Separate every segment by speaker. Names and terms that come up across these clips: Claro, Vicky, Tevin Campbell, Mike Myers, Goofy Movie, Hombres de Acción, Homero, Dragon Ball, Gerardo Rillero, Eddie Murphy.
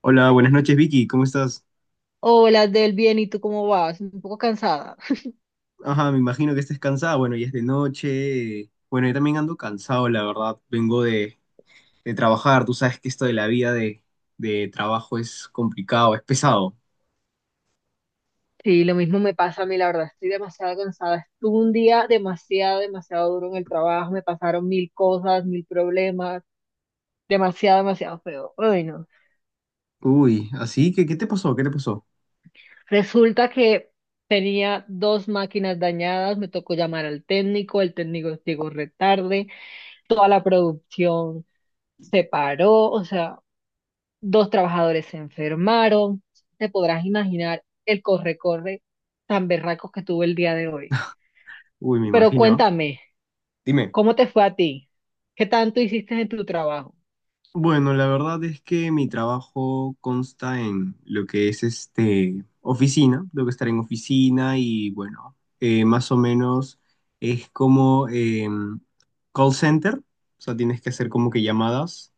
Speaker 1: Hola, buenas noches Vicky, ¿cómo estás?
Speaker 2: Hola, del bien, ¿y tú cómo vas? Un poco cansada.
Speaker 1: Ajá, me imagino que estés cansada, bueno, ya es de noche. Bueno, yo también ando cansado, la verdad. Vengo de trabajar, tú sabes que esto de la vida de trabajo es complicado, es pesado.
Speaker 2: Sí, lo mismo me pasa a mí, la verdad, estoy demasiado cansada. Estuve un día demasiado, demasiado duro en el trabajo, me pasaron mil cosas, mil problemas, demasiado, demasiado feo. Ay, no.
Speaker 1: Uy, así que, ¿qué te pasó? ¿Qué te pasó?
Speaker 2: Resulta que tenía dos máquinas dañadas, me tocó llamar al técnico, el técnico llegó retarde, toda la producción se paró, o sea, dos trabajadores se enfermaron. Te podrás imaginar el corre-corre tan berraco que tuve el día de hoy.
Speaker 1: Uy, me
Speaker 2: Pero
Speaker 1: imagino.
Speaker 2: cuéntame,
Speaker 1: Dime.
Speaker 2: ¿cómo te fue a ti? ¿Qué tanto hiciste en tu trabajo?
Speaker 1: Bueno, la verdad es que mi trabajo consta en lo que es este oficina, tengo que estar en oficina y bueno, más o menos es como call center, o sea, tienes que hacer como que llamadas.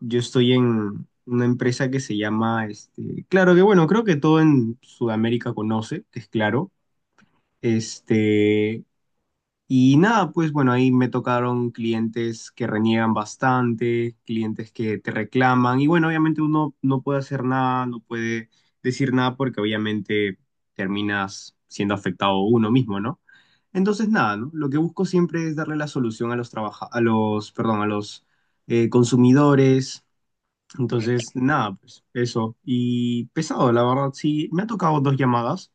Speaker 1: Yo estoy en una empresa que se llama, este, claro que bueno, creo que todo en Sudamérica conoce, que es claro, este, y nada, pues bueno, ahí me tocaron clientes que reniegan bastante, clientes que te reclaman y bueno, obviamente uno no puede hacer nada, no puede decir nada porque obviamente terminas siendo afectado uno mismo, ¿no? Entonces nada, ¿no? Lo que busco siempre es darle la solución a los trabaja- a los, perdón, a los consumidores. Entonces nada, pues eso. Y pesado, la verdad, sí, me ha tocado dos llamadas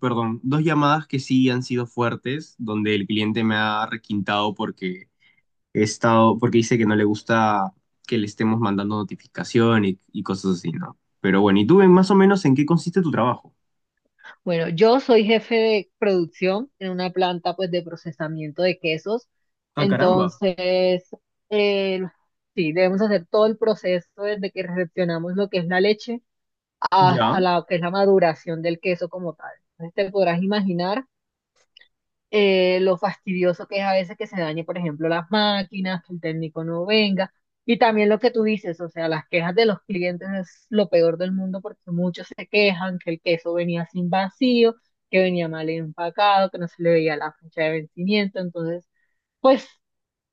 Speaker 1: perdón, dos llamadas que sí han sido fuertes, donde el cliente me ha requintado porque he estado, porque dice que no le gusta que le estemos mandando notificación y cosas así, ¿no? Pero bueno, ¿y tú más o menos en qué consiste tu trabajo?
Speaker 2: Bueno, yo soy jefe de producción en una planta pues de procesamiento de quesos.
Speaker 1: Ah, caramba.
Speaker 2: Entonces, eh, sí, debemos hacer todo el proceso desde que recepcionamos lo que es la leche hasta
Speaker 1: Ya.
Speaker 2: la que es la maduración del queso como tal. Entonces, te podrás imaginar lo fastidioso que es a veces que se dañe, por ejemplo, las máquinas, que el técnico no venga. Y también lo que tú dices, o sea, las quejas de los clientes es lo peor del mundo porque muchos se quejan que el queso venía sin vacío, que venía mal empacado, que no se le veía la fecha de vencimiento. Entonces, pues,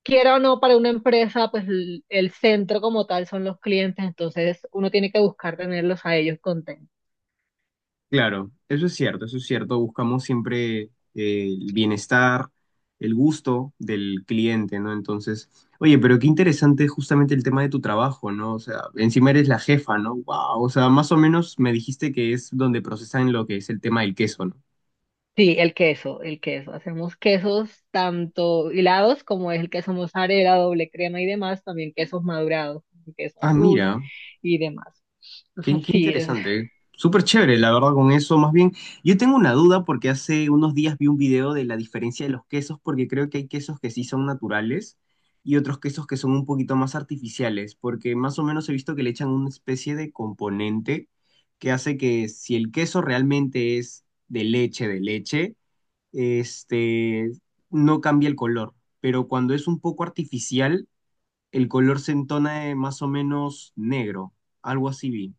Speaker 2: quiera o no, para una empresa, pues el centro como tal son los clientes, entonces uno tiene que buscar tenerlos a ellos contentos.
Speaker 1: Claro, eso es cierto, eso es cierto. Buscamos siempre el bienestar, el gusto del cliente, ¿no? Entonces, oye, pero qué interesante justamente el tema de tu trabajo, ¿no? O sea, encima eres la jefa, ¿no? Wow, o sea, más o menos me dijiste que es donde procesan lo que es el tema del queso, ¿no?
Speaker 2: Sí, el queso, el queso. Hacemos quesos tanto hilados como es el queso mozzarella, doble crema y demás, también quesos madurados, queso
Speaker 1: Ah,
Speaker 2: azul
Speaker 1: mira.
Speaker 2: y demás.
Speaker 1: Qué,
Speaker 2: Entonces,
Speaker 1: qué
Speaker 2: sí,
Speaker 1: interesante. Súper chévere, la verdad, con eso. Más bien, yo tengo una duda porque hace unos días vi un video de la diferencia de los quesos, porque creo que hay quesos que sí son naturales y otros quesos que son un poquito más artificiales, porque más o menos he visto que le echan una especie de componente que hace que si el queso realmente es de leche, este, no cambia el color, pero cuando es un poco artificial, el color se entona de más o menos negro, algo así vi.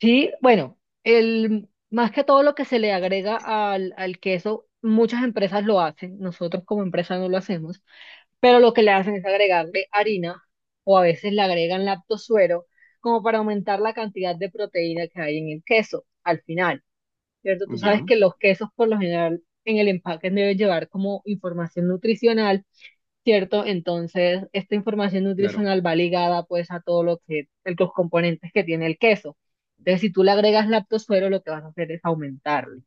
Speaker 2: sí, bueno, más que todo lo que se le agrega al queso, muchas empresas lo hacen, nosotros como empresa no lo hacemos, pero lo que le hacen es agregarle harina o a veces le agregan lactosuero como para aumentar la cantidad de proteína que hay en el queso al final. ¿Cierto? Tú
Speaker 1: ¿Ya?
Speaker 2: sabes que los quesos por lo general en el empaque deben llevar como información nutricional, ¿cierto? Entonces, esta información
Speaker 1: Claro.
Speaker 2: nutricional va ligada pues a todo los componentes que tiene el queso. Entonces, si tú le agregas lactosuero, lo que vas a hacer es aumentarle,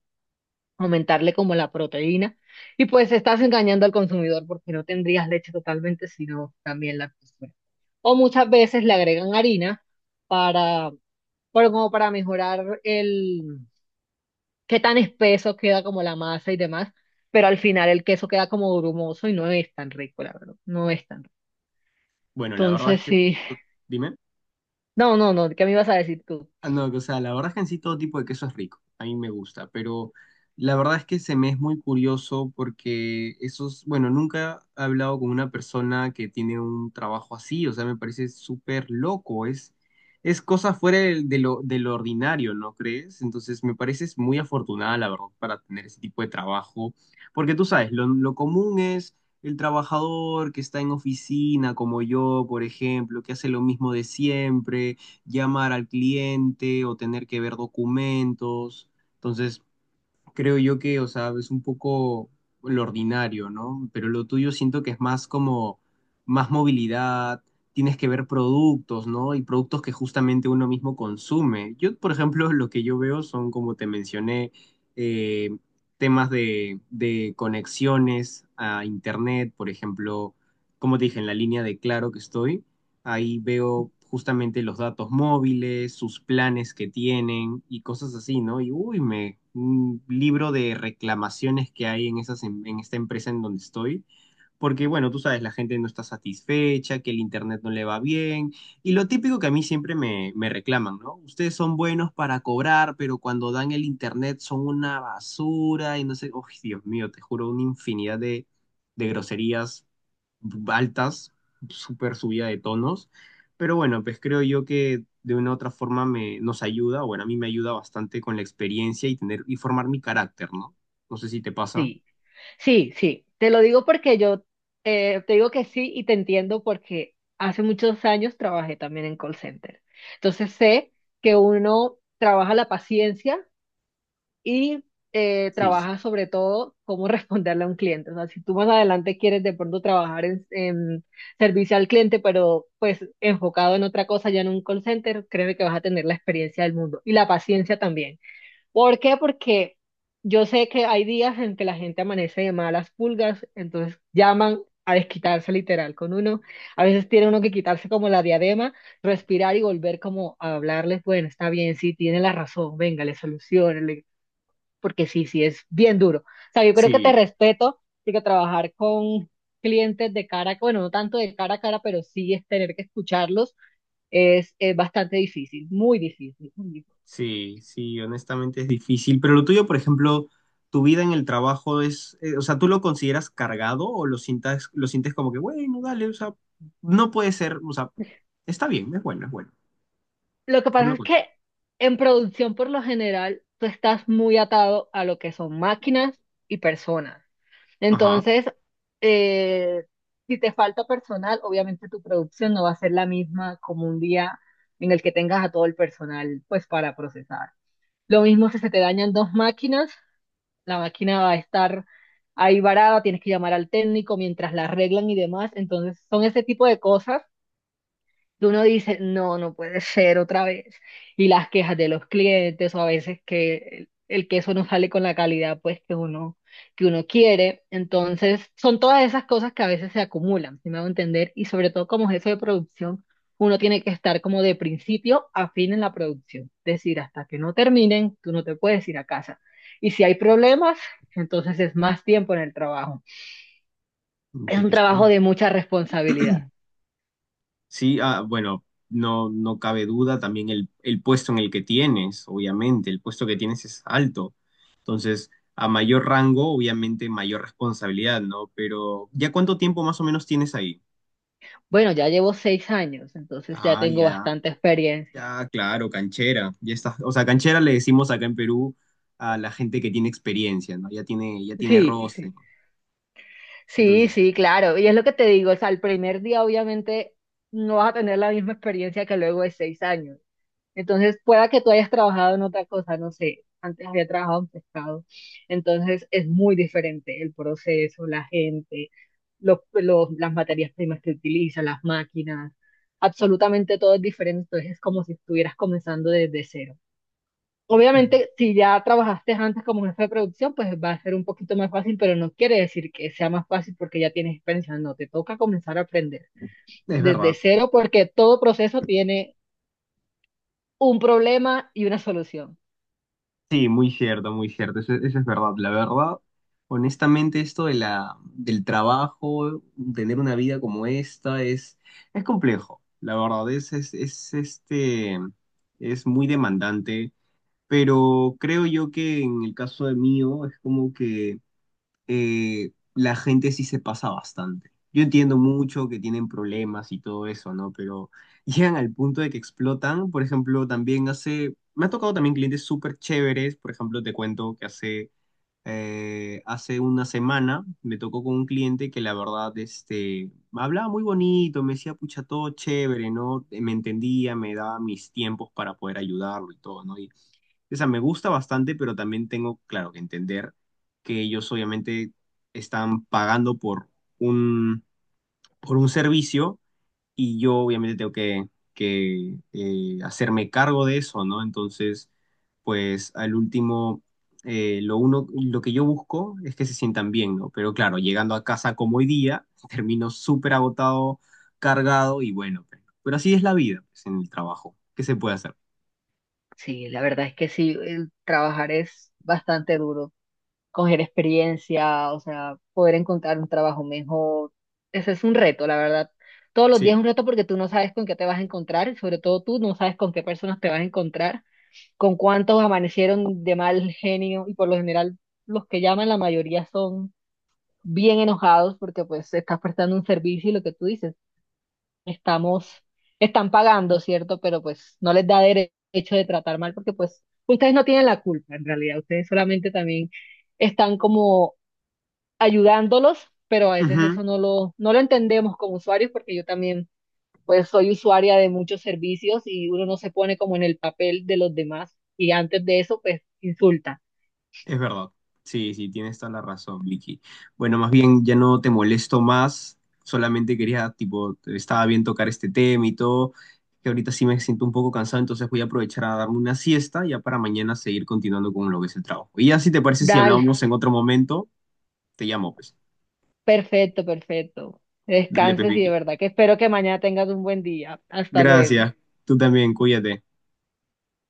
Speaker 2: aumentarle como la proteína, y pues estás engañando al consumidor porque no tendrías leche totalmente, sino también lactosuero. O muchas veces le agregan harina para, para como para mejorar qué tan espeso queda como la masa y demás, pero al final el queso queda como grumoso y no es tan rico, la verdad, no es tan rico.
Speaker 1: Bueno, la verdad es
Speaker 2: Entonces
Speaker 1: que,
Speaker 2: sí,
Speaker 1: dime.
Speaker 2: no, no, no, ¿qué me ibas a decir tú?
Speaker 1: Ah, no, o sea, la verdad es que en sí todo tipo de queso es rico, a mí me gusta, pero la verdad es que se me es muy curioso porque esos, bueno, nunca he hablado con una persona que tiene un trabajo así, o sea, me parece súper loco, es cosa fuera de de lo ordinario, ¿no crees? Entonces me pareces muy afortunada, la verdad, para tener ese tipo de trabajo, porque tú sabes, lo común es el trabajador que está en oficina, como yo, por ejemplo, que hace lo mismo de siempre llamar al cliente o tener que ver documentos. Entonces, creo yo que, o sea, es un poco lo ordinario, ¿no? Pero lo tuyo siento que es más como más movilidad, tienes que ver productos, ¿no? Y productos que justamente uno mismo consume. Yo, por ejemplo, lo que yo veo son, como te mencioné, eh, temas de conexiones a internet, por ejemplo, como te dije, en la línea de Claro que estoy. Ahí veo justamente los datos móviles, sus planes que tienen y cosas así, ¿no? Y uy, me, un libro de reclamaciones que hay en esas, en esta empresa en donde estoy. Porque, bueno, tú sabes, la gente no está satisfecha, que el internet no le va bien. Y lo típico que a mí siempre me, me reclaman, ¿no? Ustedes son buenos para cobrar, pero cuando dan el internet son una basura y no sé, uy, Dios mío, te juro, una infinidad de groserías altas, súper subida de tonos, pero bueno, pues creo yo que de una u otra forma me, nos ayuda, bueno, a mí me ayuda bastante con la experiencia y tener y formar mi carácter, ¿no? No sé si te pasa.
Speaker 2: Sí, sí, sí, te lo digo porque yo te digo que sí y te entiendo porque hace muchos años trabajé también en call center. Entonces sé que uno trabaja la paciencia y
Speaker 1: Sí,
Speaker 2: trabaja sobre todo cómo responderle a un cliente. O sea, si tú más adelante quieres de pronto trabajar en servicio al cliente, pero pues enfocado en otra cosa, ya en un call center, créeme que vas a tener la experiencia del mundo y la paciencia también. ¿Por qué? Porque yo sé que hay días en que la gente amanece de malas pulgas, entonces llaman a desquitarse literal con uno. A veces tiene uno que quitarse como la diadema, respirar y volver como a hablarles, bueno, está bien, sí, tiene la razón, venga, le soluciono, porque sí, sí, es bien duro. O sea, yo creo que te
Speaker 1: Sí,
Speaker 2: respeto, porque trabajar con clientes de cara, bueno, no tanto de cara a cara, pero sí es tener que escucharlos, es bastante difícil, muy difícil, muy difícil.
Speaker 1: sí, honestamente es difícil, pero lo tuyo, por ejemplo, tu vida en el trabajo es, o sea, ¿tú lo consideras cargado o lo sientas, lo sientes como que, bueno, dale, o sea, no puede ser, o sea, está bien, es bueno, es bueno.
Speaker 2: Lo que
Speaker 1: ¿Cómo
Speaker 2: pasa
Speaker 1: lo
Speaker 2: es
Speaker 1: cuentas?
Speaker 2: que en producción, por lo general, tú estás muy atado a lo que son máquinas y personas.
Speaker 1: Ajá,
Speaker 2: Entonces, eh, si te falta personal, obviamente tu producción no va a ser la misma como un día en el que tengas a todo el personal, pues, para procesar. Lo mismo si se te dañan dos máquinas, la máquina va a estar ahí varada, tienes que llamar al técnico mientras la arreglan y demás. Entonces, son ese tipo de cosas que uno dice, no, no puede ser otra vez. Y las quejas de los clientes o a veces que el queso no sale con la calidad pues que uno quiere. Entonces, son todas esas cosas que a veces se acumulan, si me hago entender, y sobre todo como jefe de producción, uno tiene que estar como de principio a fin en la producción. Es decir, hasta que no terminen, tú no te puedes ir a casa. Y si hay problemas, entonces es más tiempo en el trabajo. Es un trabajo
Speaker 1: interesante.
Speaker 2: de mucha responsabilidad.
Speaker 1: Sí, ah, bueno, no, no cabe duda también el puesto en el que tienes, obviamente, el puesto que tienes es alto. Entonces, a mayor rango, obviamente, mayor responsabilidad, ¿no? Pero, ¿ya cuánto tiempo más o menos tienes ahí?
Speaker 2: Bueno, ya llevo 6 años, entonces ya
Speaker 1: Ah,
Speaker 2: tengo
Speaker 1: ya,
Speaker 2: bastante experiencia.
Speaker 1: ya, claro, canchera. Ya está, o sea, canchera le decimos acá en Perú a la gente que tiene experiencia, ¿no? Ya tiene
Speaker 2: Sí, sí.
Speaker 1: roce.
Speaker 2: Sí,
Speaker 1: Entonces,
Speaker 2: sí, claro. Y es lo que te digo, o sea, el primer día obviamente no vas a tener la misma experiencia que luego de 6 años. Entonces, pueda que tú hayas trabajado en otra cosa, no sé. Antes había trabajado en pescado. Entonces, es muy diferente el proceso, la gente, las materias primas que utilizan, las máquinas. Absolutamente todo es diferente. Entonces, es como si estuvieras comenzando desde cero. Obviamente, si ya trabajaste antes como jefe de producción, pues va a ser un poquito más fácil, pero no quiere decir que sea más fácil porque ya tienes experiencia. No, te toca comenzar a aprender
Speaker 1: es
Speaker 2: desde
Speaker 1: verdad.
Speaker 2: cero porque todo proceso tiene un problema y una solución.
Speaker 1: Sí, muy cierto, eso es verdad. La verdad, honestamente, esto de la, del trabajo, tener una vida como esta, es complejo. La verdad, es, es muy demandante, pero creo yo que en el caso de mío, es como que la gente sí se pasa bastante. Yo entiendo mucho que tienen problemas y todo eso, ¿no? Pero llegan al punto de que explotan. Por ejemplo, también hace, me ha tocado también clientes súper chéveres. Por ejemplo, te cuento que hace una semana me tocó con un cliente que la verdad, este, me hablaba muy bonito, me decía, pucha, todo chévere, ¿no? Me entendía, me daba mis tiempos para poder ayudarlo y todo, ¿no? Y o sea, me gusta bastante, pero también tengo, claro, que entender que ellos obviamente están pagando por un, por un servicio y yo obviamente tengo que, que hacerme cargo de eso, ¿no? Entonces, pues al último, lo uno, lo que yo busco es que se sientan bien, ¿no? Pero claro, llegando a casa como hoy día, termino súper agotado, cargado y bueno, pero así es la vida, pues, en el trabajo. ¿Qué se puede hacer?
Speaker 2: Sí, la verdad es que sí, el trabajar es bastante duro. Coger experiencia, o sea, poder encontrar un trabajo mejor, ese es un reto, la verdad. Todos los días
Speaker 1: Sí.
Speaker 2: es un reto porque tú no sabes con qué te vas a encontrar y sobre todo tú no sabes con qué personas te vas a encontrar, con cuántos amanecieron de mal genio, y por lo general los que llaman la mayoría son bien enojados porque pues estás prestando un servicio y lo que tú dices, estamos, están pagando, ¿cierto? Pero pues no les da derecho de tratar mal porque pues ustedes no tienen la culpa en realidad, ustedes solamente también están como ayudándolos, pero a veces
Speaker 1: Ujú.
Speaker 2: eso no lo, no lo entendemos como usuarios porque yo también pues soy usuaria de muchos servicios y uno no se pone como en el papel de los demás y antes de eso pues insulta.
Speaker 1: Es verdad. Sí, sí, tienes toda la razón, Vicky. Bueno, más bien ya no te molesto más. Solamente quería, tipo, estaba bien tocar este tema y todo, que ahorita sí me siento un poco cansado, entonces voy a aprovechar a darme una siesta ya para mañana seguir continuando con lo que es el trabajo. Y ya si te parece, si
Speaker 2: Dale,
Speaker 1: hablamos en otro momento, te llamo, pues.
Speaker 2: perfecto, perfecto.
Speaker 1: Dale, pues,
Speaker 2: Descanses y de
Speaker 1: Vicky.
Speaker 2: verdad que espero que mañana tengas un buen día. Hasta luego.
Speaker 1: Gracias. Tú también, cuídate.